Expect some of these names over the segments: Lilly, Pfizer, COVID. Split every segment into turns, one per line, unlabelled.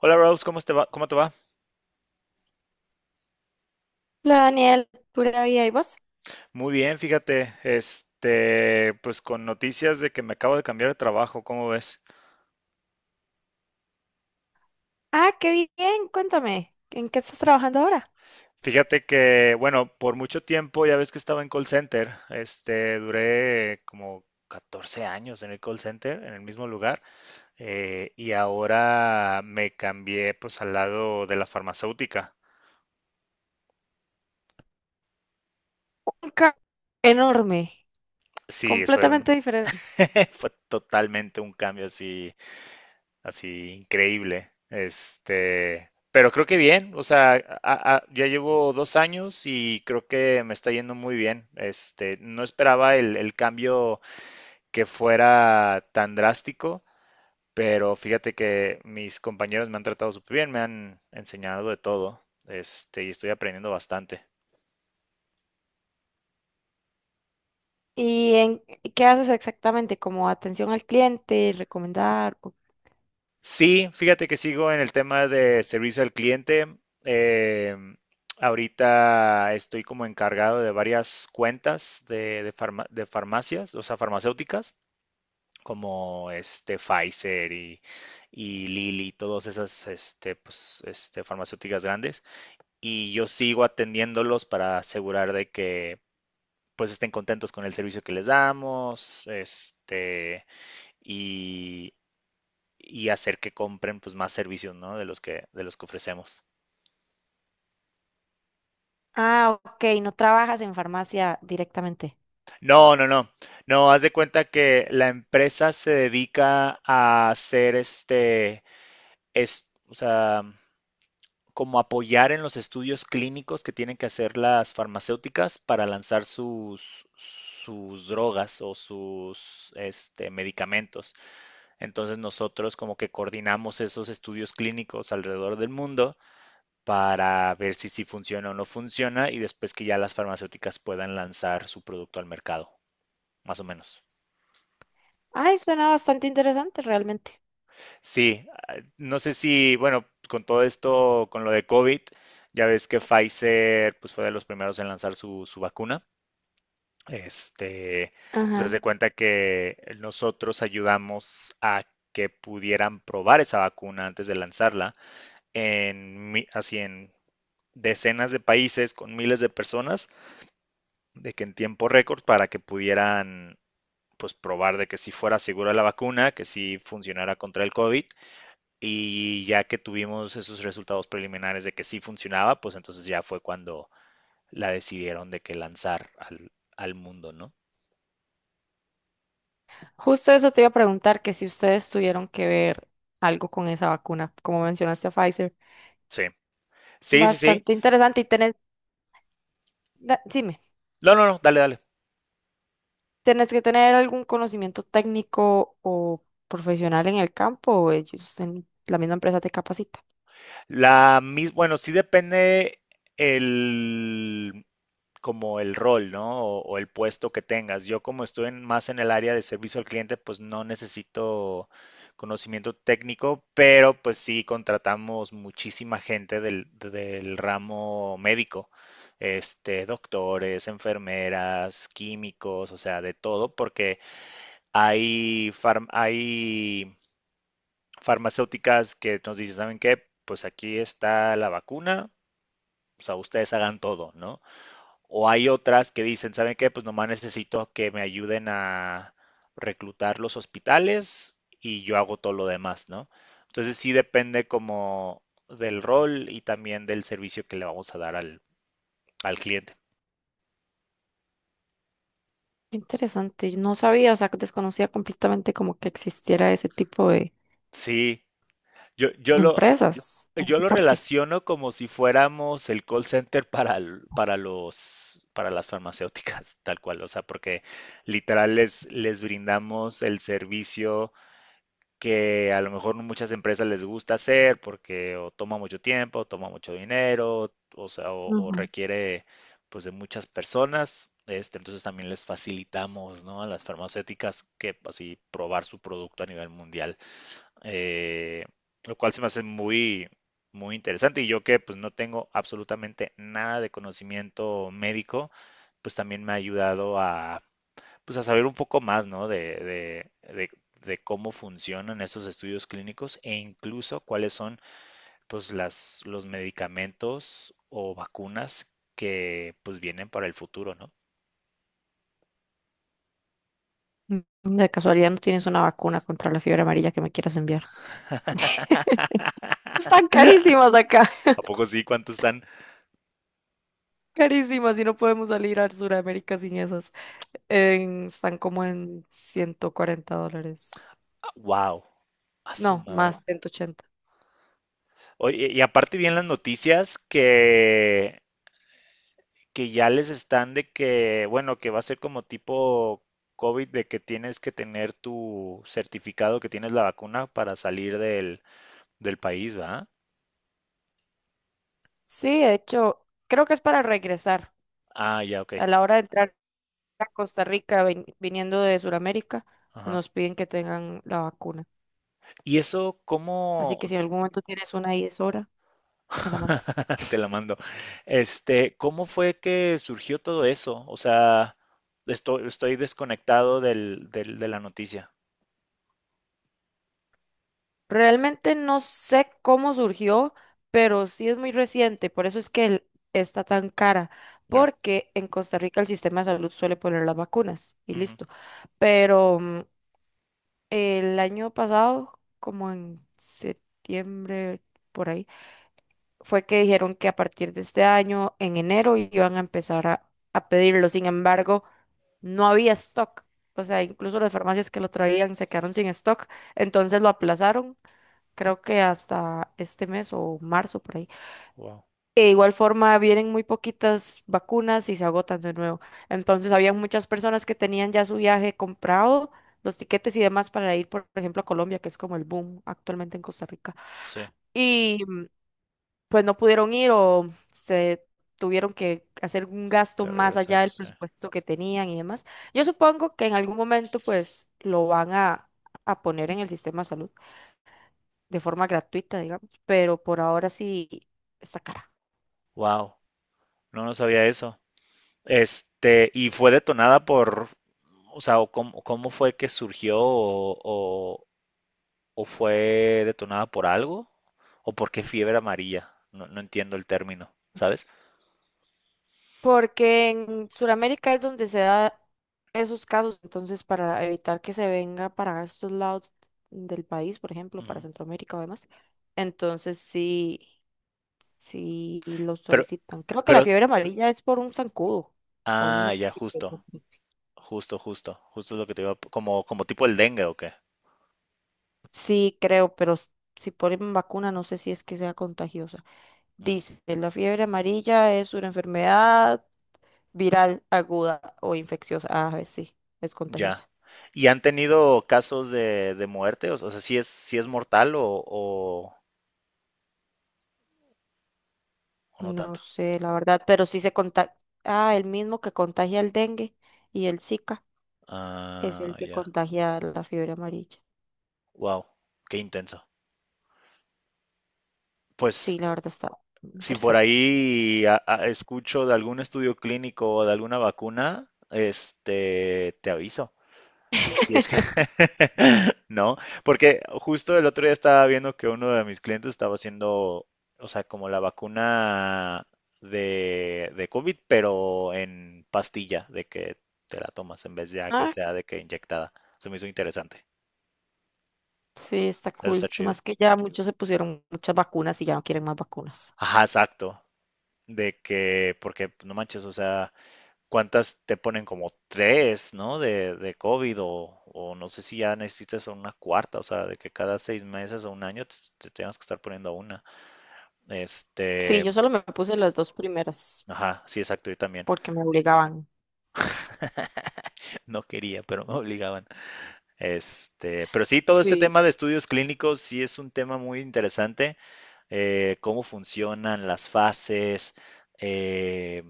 Hola Rose, ¿cómo te va? ¿Cómo te va?
Hola Daniel, pura vida, ¿y vos?
Muy bien, fíjate, pues con noticias de que me acabo de cambiar de trabajo, ¿cómo ves?
Ah, qué bien, cuéntame, ¿en qué estás trabajando ahora?
Fíjate que, bueno, por mucho tiempo ya ves que estaba en call center, duré como 14 años en el call center, en el mismo lugar, y ahora me cambié pues al lado de la farmacéutica.
Un ca- Enorme,
Sí,
completamente diferente.
fue totalmente un cambio así. Así, increíble. Pero creo que bien, o sea, ya llevo 2 años y creo que me está yendo muy bien. No esperaba el cambio que fuera tan drástico, pero fíjate que mis compañeros me han tratado súper bien, me han enseñado de todo, y estoy aprendiendo bastante.
¿Y en qué haces exactamente? ¿Como atención al cliente, recomendar? O-
Sí, fíjate que sigo en el tema de servicio al cliente. Eh, Ahorita estoy como encargado de varias cuentas de farmacias, o sea, farmacéuticas, como Pfizer y Lilly, todas esas pues, farmacéuticas grandes. Y yo sigo atendiéndolos para asegurar de que pues estén contentos con el servicio que les damos, y, y hacer que compren pues más servicios, ¿no? De los que ofrecemos.
Ah, ok, no trabajas en farmacia directamente.
No, no, no. No, haz de cuenta que la empresa se dedica a hacer o sea, como apoyar en los estudios clínicos que tienen que hacer las farmacéuticas para lanzar sus drogas o sus medicamentos. Entonces nosotros como que coordinamos esos estudios clínicos alrededor del mundo para ver si sí funciona o no funciona, y después que ya las farmacéuticas puedan lanzar su producto al mercado, más o menos.
Ay, suena bastante interesante realmente.
Sí, ah, no sé si, bueno, con todo esto, con lo de COVID, ya ves que Pfizer pues fue de los primeros en lanzar su vacuna. Este, pues haz de
Ajá.
cuenta que nosotros ayudamos a que pudieran probar esa vacuna antes de lanzarla así en decenas de países con miles de personas de que en tiempo récord para que pudieran pues probar de que si fuera segura la vacuna, que sí funcionara contra el COVID, y ya que tuvimos esos resultados preliminares de que sí funcionaba, pues entonces ya fue cuando la decidieron de que lanzar al mundo, ¿no?
Justo eso te iba a preguntar, que si ustedes tuvieron que ver algo con esa vacuna, como mencionaste a Pfizer.
Sí, sí, sí, sí.
Bastante interesante y tener... Dime.
No, no, no, dale, dale.
¿Tenés que tener algún conocimiento técnico o profesional en el campo o ellos en la misma empresa te capacita?
Bueno, sí depende el como el rol, ¿no? O el puesto que tengas. Yo como estoy más en el área de servicio al cliente, pues no necesito conocimiento técnico, pero pues sí contratamos muchísima gente del ramo médico, doctores, enfermeras, químicos, o sea, de todo, porque hay farmacéuticas que nos dicen, ¿saben qué? Pues aquí está la vacuna, o sea, ustedes hagan todo, ¿no? O hay otras que dicen, ¿saben qué? Pues nomás necesito que me ayuden a reclutar los hospitales y yo hago todo lo demás, ¿no? Entonces sí depende como del rol y también del servicio que le vamos a dar al cliente.
Qué interesante, yo no sabía, o sea, que desconocía completamente como que existiera ese tipo
Sí, yo, yo
de
lo,
empresas o
yo lo
soporte.
relaciono como si fuéramos el call center para, l- para los, para las farmacéuticas, tal cual, o sea, porque literal les brindamos el servicio que a lo mejor no muchas empresas les gusta hacer porque o toma mucho tiempo, o toma mucho dinero, o sea, o
Ujú.
requiere pues de muchas personas. Entonces también les facilitamos, ¿no?, a las farmacéuticas que así probar su producto a nivel mundial, eh, lo cual se me hace muy, muy interesante. Y yo que pues no tengo absolutamente nada de conocimiento médico, pues también me ha ayudado a, pues, a saber un poco más, ¿no?, de cómo funcionan estos estudios clínicos, e incluso cuáles son pues los medicamentos o vacunas que pues vienen para el futuro, ¿no?
De casualidad no tienes una vacuna contra la fiebre amarilla que me quieras enviar. Están carísimas acá,
¿A poco sí? ¿Cuántos están?
carísimas y no podemos salir al Sudamérica sin esas. Están como en $140.
¡Wow! A su
No,
madre.
más, 180.
Oye, y aparte vi en las noticias que ya les están de que, bueno, que va a ser como tipo COVID de que tienes que tener tu certificado que tienes la vacuna para salir del país, ¿va?
Sí, de hecho, creo que es para regresar.
Ah, ya, ok.
A la hora de entrar a Costa Rica, viniendo de Sudamérica,
Ajá.
nos piden que tengan la vacuna.
¿Y eso
Así
cómo?
que si en algún momento tienes una y es hora, me la mandas.
Te la mando. ¿Cómo fue que surgió todo eso? O sea, estoy desconectado de la noticia.
Realmente no sé cómo surgió, pero sí es muy reciente. Por eso es que está tan cara.
Ya.
Porque en Costa Rica el sistema de salud suele poner las vacunas y
Ujú.
listo. Pero el año pasado, como en septiembre, por ahí fue que dijeron que a partir de este año, en enero, iban a empezar a pedirlo. Sin embargo, no había stock. O sea, incluso las farmacias que lo traían se quedaron sin stock. Entonces lo aplazaron, creo que hasta este mes o marzo por ahí.
Wow.
De igual forma, vienen muy poquitas vacunas y se agotan de nuevo. Entonces, había muchas personas que tenían ya su viaje comprado, los tiquetes y demás para ir, por ejemplo, a Colombia, que es como el boom actualmente en Costa Rica.
Sí,
Y pues no pudieron ir o se tuvieron que hacer un gasto
que
más
regresar,
allá del
sí.
presupuesto que tenían y demás. Yo supongo que en algún momento pues lo van a poner en el sistema de salud de forma gratuita, digamos, pero por ahora sí está cara.
Wow. No, no sabía eso. Y fue detonada por, o sea, o cómo fue que surgió, o fue detonada por algo, o por qué fiebre amarilla. No, no entiendo el término, ¿sabes?
Porque en Sudamérica es donde se da esos casos, entonces para evitar que se venga para estos lados del país, por ejemplo, para
Ujú.
Centroamérica o demás, entonces sí, si lo
Pero,
solicitan. Creo que la
pero,
fiebre amarilla es por un zancudo o un
ah, ya,
mosquito,
justo,
¿no?
justo, justo, justo es lo que te digo, como tipo el dengue o qué.
Sí, creo, pero si ponen vacuna no sé si es que sea contagiosa.
Mm,
Dice, la fiebre amarilla es una enfermedad viral aguda o infecciosa. Ah, a sí, es
ya.
contagiosa.
¿Y han tenido casos de muerte? O o sea, ¿sí es mortal, o no
No
tanto?
sé, la verdad, pero sí se contagia. Ah, el mismo que contagia el dengue y el Zika es el
Ah,
que
ya.
contagia la fiebre amarilla.
Wow, qué intenso. Pues
Sí, la verdad está
si por
interesante.
ahí escucho de algún estudio clínico o de alguna vacuna, te aviso. Y si es que no, porque justo el otro día estaba viendo que uno de mis clientes estaba haciendo, o sea, como la vacuna de COVID, pero en pastilla, de que te la tomas en vez de a que
Ah,
sea de que inyectada. Eso me hizo interesante.
sí, está
Eso está
cool. Y
chido.
más que ya muchos se pusieron muchas vacunas y ya no quieren más vacunas.
Ajá, exacto. De que, porque pues, no manches, o sea. ¿Cuántas te ponen, como tres, no? De COVID, o no sé si ya necesitas una cuarta, o sea, de que cada 6 meses o un año te tengas que estar poniendo una.
Sí,
Este,
yo solo me puse las dos primeras
ajá, sí, exacto, yo también.
porque me obligaban.
No quería, pero me obligaban. Pero sí, todo este
Sí.
tema de estudios clínicos sí es un tema muy interesante. Cómo funcionan las fases, eh,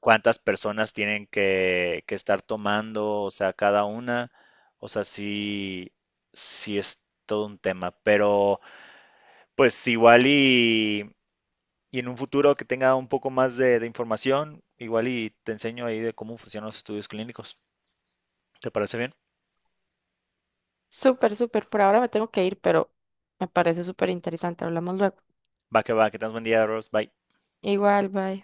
cuántas personas tienen que estar tomando, o sea, cada una, o sea, sí es todo un tema, pero pues igual y en un futuro que tenga un poco más de información, igual y te enseño ahí de cómo funcionan los estudios clínicos. ¿Te parece bien?
Súper, súper. Por ahora me tengo que ir, pero me parece súper interesante. Hablamos luego.
Va, que tengas buen día, Rose. Bye.
Igual, bye.